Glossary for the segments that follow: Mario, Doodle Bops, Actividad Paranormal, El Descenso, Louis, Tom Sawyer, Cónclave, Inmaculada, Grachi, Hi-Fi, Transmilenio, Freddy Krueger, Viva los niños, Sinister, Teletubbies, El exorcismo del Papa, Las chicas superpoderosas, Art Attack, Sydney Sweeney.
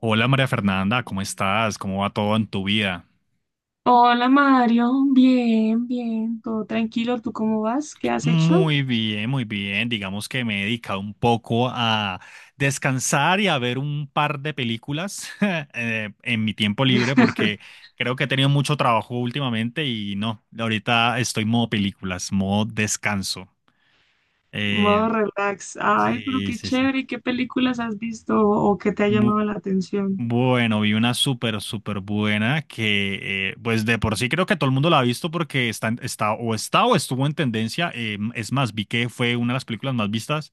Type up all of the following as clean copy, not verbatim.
Hola María Fernanda, ¿cómo estás? ¿Cómo va todo en tu vida? Hola Mario, bien, bien, todo tranquilo, ¿tú cómo vas? ¿Qué has hecho? Muy bien, muy bien. Digamos que me he dedicado un poco a descansar y a ver un par de películas en mi tiempo libre porque creo que he tenido mucho trabajo últimamente y no, ahorita estoy modo películas, modo descanso. Modo Eh, relax. Ay, pero sí, qué sí, sí. chévere, ¿y qué películas has visto o qué te ha Bu- llamado la atención? Bueno, vi una súper, súper buena que, pues de por sí creo que todo el mundo la ha visto porque está o estuvo en tendencia. Es más, vi que fue una de las películas más vistas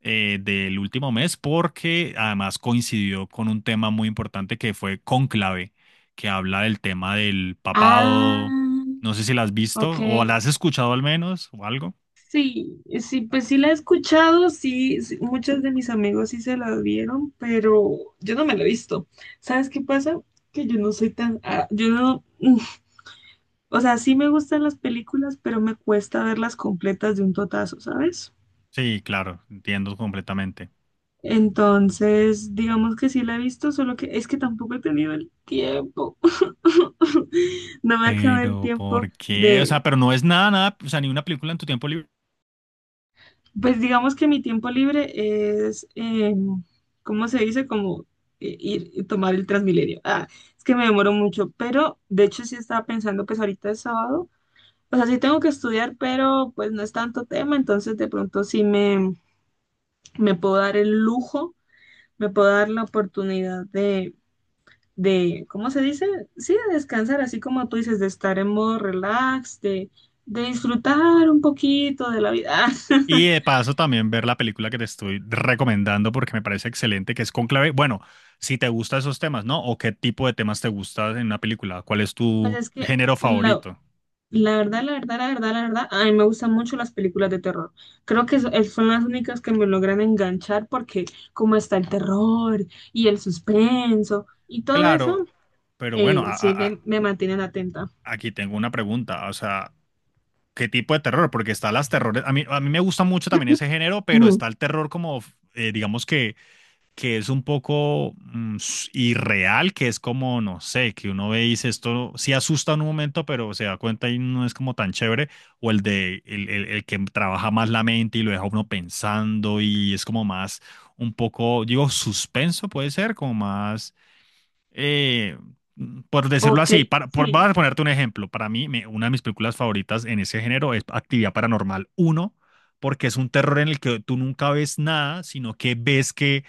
del último mes porque además coincidió con un tema muy importante que fue Cónclave, que habla del tema del papado. Ah, No sé si la has ok. visto o la has escuchado al menos o algo. Sí, sí, pues sí la he escuchado, sí, sí, muchos de mis amigos sí se la vieron, pero yo no me la he visto. ¿Sabes qué pasa? Que yo no soy tan, yo no, o sea, sí me gustan las películas, pero me cuesta verlas completas de un totazo, ¿sabes? Sí, claro, entiendo completamente. Entonces, digamos que sí la he visto, solo que es que tampoco he tenido el tiempo. No me ha quedado el Pero tiempo ¿por qué? O de, sea, pero no es nada, nada, o sea, ni una película en tu tiempo. pues digamos que mi tiempo libre es, ¿cómo se dice? Como ir y tomar el Transmilenio. Ah, es que me demoro mucho, pero de hecho sí estaba pensando, pues ahorita es sábado, o sea, sí tengo que estudiar, pero pues no es tanto tema, entonces de pronto sí me puedo dar el lujo, me puedo dar la oportunidad de, ¿cómo se dice? Sí, de descansar, así como tú dices, de estar en modo relax, de disfrutar un poquito de la vida. Y de paso también ver la película que te estoy recomendando porque me parece excelente, que es Conclave. Bueno, si te gustan esos temas, ¿no? ¿O qué tipo de temas te gusta en una película? ¿Cuál es Pues tu es que género favorito? la verdad, la verdad, la verdad, la verdad, a mí me gustan mucho las películas de terror. Creo que son las únicas que me logran enganchar porque como está el terror y el suspenso y todo eso, Claro, pero bueno, sí me mantienen atenta. aquí tengo una pregunta. O sea, ¿qué tipo de terror? Porque está las terrores, a mí me gusta mucho también ese género, pero Ujú. está el terror como, digamos que es un poco irreal, que es como, no sé, que uno ve y dice esto sí asusta en un momento, pero se da cuenta y no es como tan chévere, o el de el que trabaja más la mente y lo deja uno pensando y es como más un poco, digo, suspenso puede ser, como más, eh, por decirlo Ok, así, voy sí, a ponerte un ejemplo, para mí una de mis películas favoritas en ese género es Actividad Paranormal uno porque es un terror en el que tú nunca ves nada, sino que ves que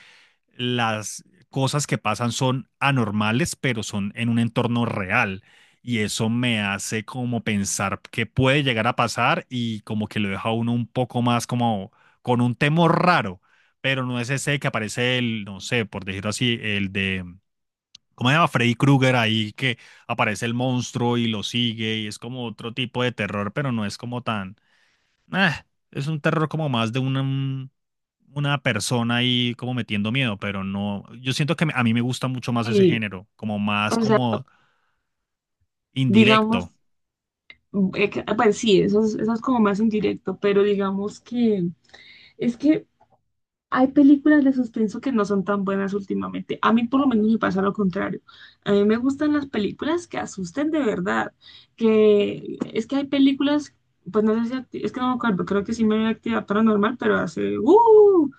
las cosas que pasan son anormales, pero son en un entorno real. Y eso me hace como pensar que puede llegar a pasar y como que lo deja a uno un poco más como con un temor raro, pero no es ese que aparece el, no sé, por decirlo así, el de, ¿cómo se llama? Freddy Krueger, ahí que aparece el monstruo y lo sigue y es como otro tipo de terror, pero no es como tan. Ah, es un terror como más de una, una persona ahí como metiendo miedo, pero no, yo siento que a mí me gusta mucho más ese sí. género, como más O sea, como digamos. indirecto. Pues sí, eso es como más indirecto, pero digamos que es que hay películas de suspenso que no son tan buenas últimamente. A mí por lo menos me pasa lo contrario. A mí me gustan las películas que asusten de verdad, que es que hay películas, pues no sé si, es que no me acuerdo, creo que sí me vi actividad paranormal, pero hace, ¡uh!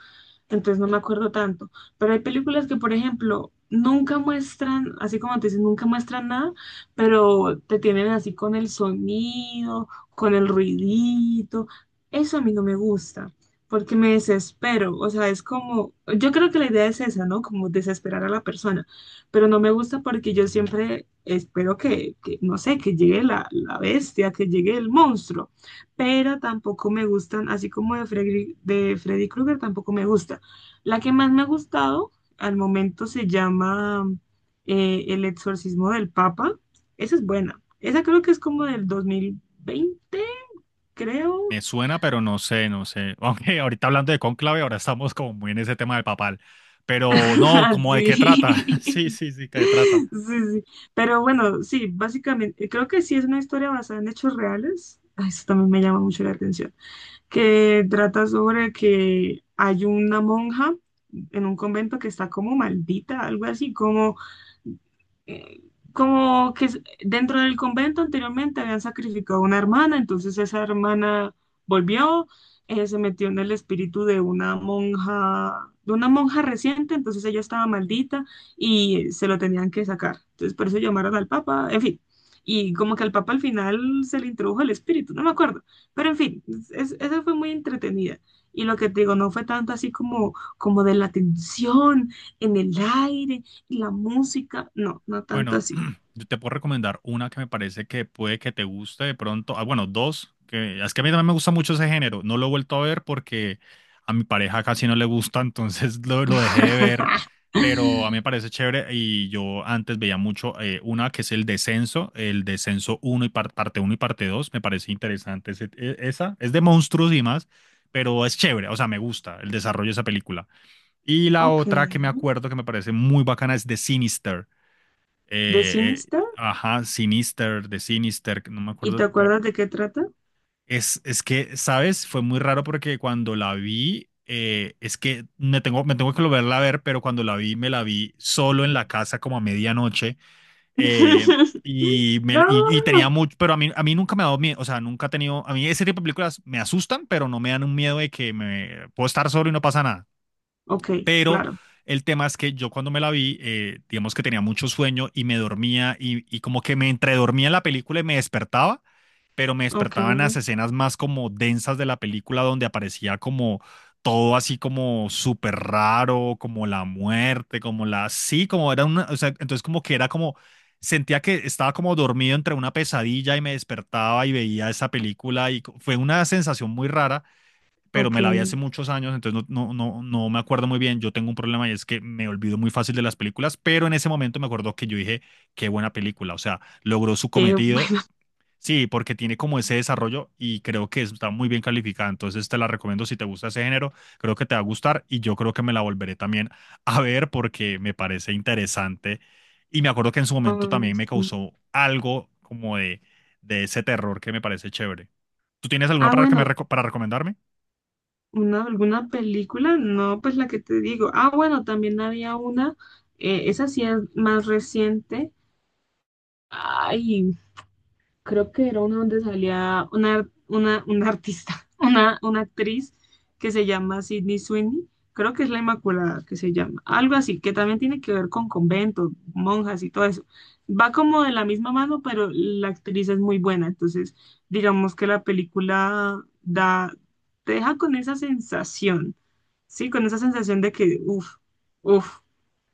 Entonces no me acuerdo tanto. Pero hay películas que, por ejemplo, nunca muestran, así como te dicen, nunca muestran nada, pero te tienen así con el sonido, con el ruidito. Eso a mí no me gusta, porque me desespero. O sea, es como, yo creo que la idea es esa, ¿no? Como desesperar a la persona. Pero no me gusta porque yo siempre espero que no sé, que llegue la bestia, que llegue el monstruo, pero tampoco me gustan, así como de Freddy Krueger, tampoco me gusta, la que más me ha gustado al momento se llama El exorcismo del Papa. Esa es buena. Esa creo que es como del 2020, creo. Me suena, pero no sé, no sé. Aunque ahorita hablando de Cónclave, ahora estamos como muy en ese tema del papal. Pero no, como de qué trata. Así. Sí, sí, sí, qué trata. Sí, sí. Pero bueno, sí, básicamente, creo que sí es una historia basada en hechos reales. Ah, eso también me llama mucho la atención. Que trata sobre que hay una monja en un convento que está como maldita, algo así, como eh, como que s- dentro del convento anteriormente habían sacrificado una hermana, entonces esa hermana volvió, se metió en el espíritu de una monja reciente, entonces ella estaba maldita y se lo tenían que sacar. Entonces por eso llamaron al papa, en fin. Y como que al papa al final se le introdujo el espíritu, no me acuerdo. Pero en fin, esa fue muy entretenida. Y lo que te digo, no fue tanto así como, como de la tensión en el aire, la música, no, no tanto Bueno, así. yo te puedo recomendar una que me parece que puede que te guste de pronto. Ah, bueno, dos, que es que a mí también me gusta mucho ese género. No lo he vuelto a ver porque a mi pareja casi no le gusta, entonces lo dejé de ver. Pero a mí me parece chévere y yo antes veía mucho una que es El Descenso, El Descenso uno y parte uno y parte 2. Me parece interesante esa. Es de monstruos y más, pero es chévere, o sea, me gusta el desarrollo de esa película. Y la Ok, otra que me acuerdo que me parece muy bacana es The Sinister. ¿de cine está? Ajá, Sinister, de Sinister, no me ¿Y te acuerdo. Pero acuerdas de qué trata? es que, ¿sabes? Fue muy raro porque cuando la vi, es que me tengo que volverla a ver, pero cuando la vi, me la vi solo en la casa como a medianoche. eh, y tenía No. mucho, pero a mí nunca me ha dado miedo, o sea, nunca he tenido, a mí ese tipo de películas me asustan, pero no me dan un miedo de que me puedo estar solo y no pasa nada. Ok, Pero claro. el tema es que yo cuando me la vi, digamos que tenía mucho sueño y me dormía y como que me entredormía en la película y me despertaba, pero me Ok, despertaban las escenas más como densas de la película donde aparecía como todo así como súper raro, como la muerte, como la... Sí, como era una... O sea, entonces como que era como... Sentía que estaba como dormido entre una pesadilla y me despertaba y veía esa película y fue una sensación muy rara, pero ok. me la vi hace muchos años, entonces no, no, no, no me acuerdo muy bien. Yo tengo un problema y es que me olvido muy fácil de las películas, pero en ese momento me acuerdo que yo dije, qué buena película, o sea, logró su Qué cometido. bueno. Sí, porque tiene como ese desarrollo y creo que está muy bien calificada. Entonces te la recomiendo si te gusta ese género, creo que te va a gustar y yo creo que me la volveré también a ver porque me parece interesante. Y me acuerdo que en su momento Ay, también me sí. causó algo como de ese terror que me parece chévere. ¿Tú tienes alguna Ah, bueno, para recomendarme? una, alguna película, no, pues la que te digo. Ah, bueno, también había esa sí es más reciente. Ay, creo que era uno donde salía una artista, una actriz que se llama Sydney Sweeney, creo que es la Inmaculada que se llama, algo así, que también tiene que ver con conventos, monjas y todo eso. Va como de la misma mano, pero la actriz es muy buena, entonces digamos que la película da, te deja con esa sensación, ¿sí? Con esa sensación de que, uff, uff,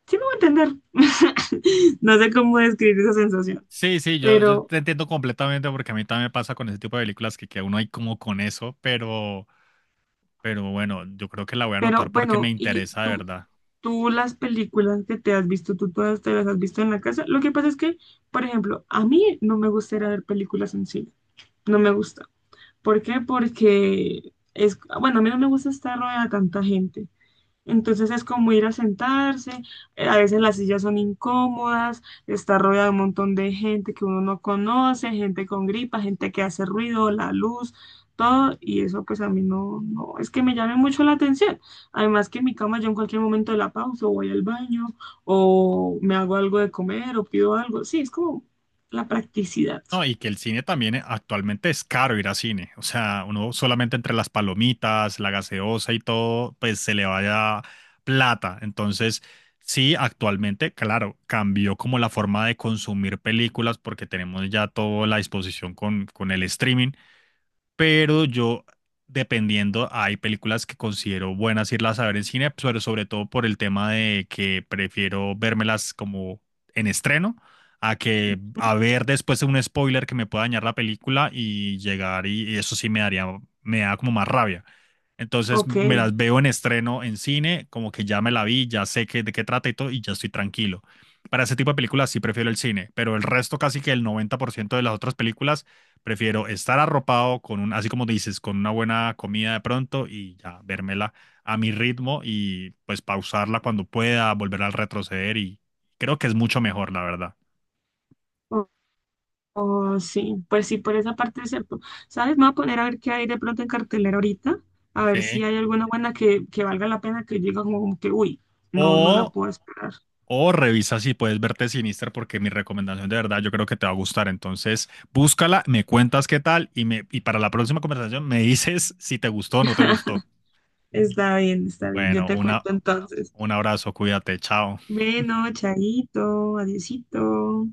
sí me voy a entender. No sé cómo describir esa sensación, Sí, sí, yo pero te entiendo completamente porque a mí también me pasa con ese tipo de películas que uno hay como con eso, pero bueno, yo creo que la voy a Pero anotar porque me bueno, y interesa de tú, verdad. tú las películas que te has visto, tú todas te las has visto en la casa. Lo que pasa es que, por ejemplo, a mí no me gusta ir a ver películas en cine. No me gusta. ¿Por qué? Porque es, bueno, a mí no me gusta estar rodeada de tanta gente. Entonces es como ir a sentarse, a veces las sillas son incómodas, está rodeado de un montón de gente que uno no conoce, gente con gripa, gente que hace ruido, la luz, todo, y eso pues a mí no, no, es que me llame mucho la atención. Además que en mi cama yo en cualquier momento de la pausa o voy al baño o me hago algo de comer o pido algo. Sí, es como la practicidad. No, y que el cine también actualmente es caro ir a cine, o sea, uno solamente entre las palomitas, la gaseosa y todo, pues se le vaya plata. Entonces, sí, actualmente, claro, cambió como la forma de consumir películas porque tenemos ya toda la disposición con el streaming, pero yo, dependiendo, hay películas que considero buenas irlas a ver en cine, pero sobre todo por el tema de que prefiero vérmelas como en estreno, a que a ver después un spoiler que me pueda dañar la película y llegar y eso sí me daría, me da como más rabia. Entonces Ok, me las veo en estreno en cine, como que ya me la vi, ya sé de qué trata y todo, y ya estoy tranquilo. Para ese tipo de películas sí prefiero el cine, pero el resto, casi que el 90% de las otras películas, prefiero estar arropado con un, así como dices, con una buena comida de pronto y ya vérmela a mi ritmo y pues pausarla cuando pueda, volver a retroceder y creo que es mucho mejor, la verdad. oh, sí, pues sí, por esa parte es cierto. ¿Sabes? Me voy a poner a ver qué hay de pronto en cartelera ahorita, a ver si Sí. hay alguna buena que valga la pena que llega como, como que, uy, no, no la O puedo esperar. O revisa si puedes verte Sinister, porque mi recomendación de verdad yo creo que te va a gustar. Entonces, búscala, me cuentas qué tal y, me, y para la próxima conversación me dices si te gustó o no te gustó. Está bien, yo Bueno, te cuento entonces. un abrazo, cuídate, chao. Bueno, chaito, adiosito.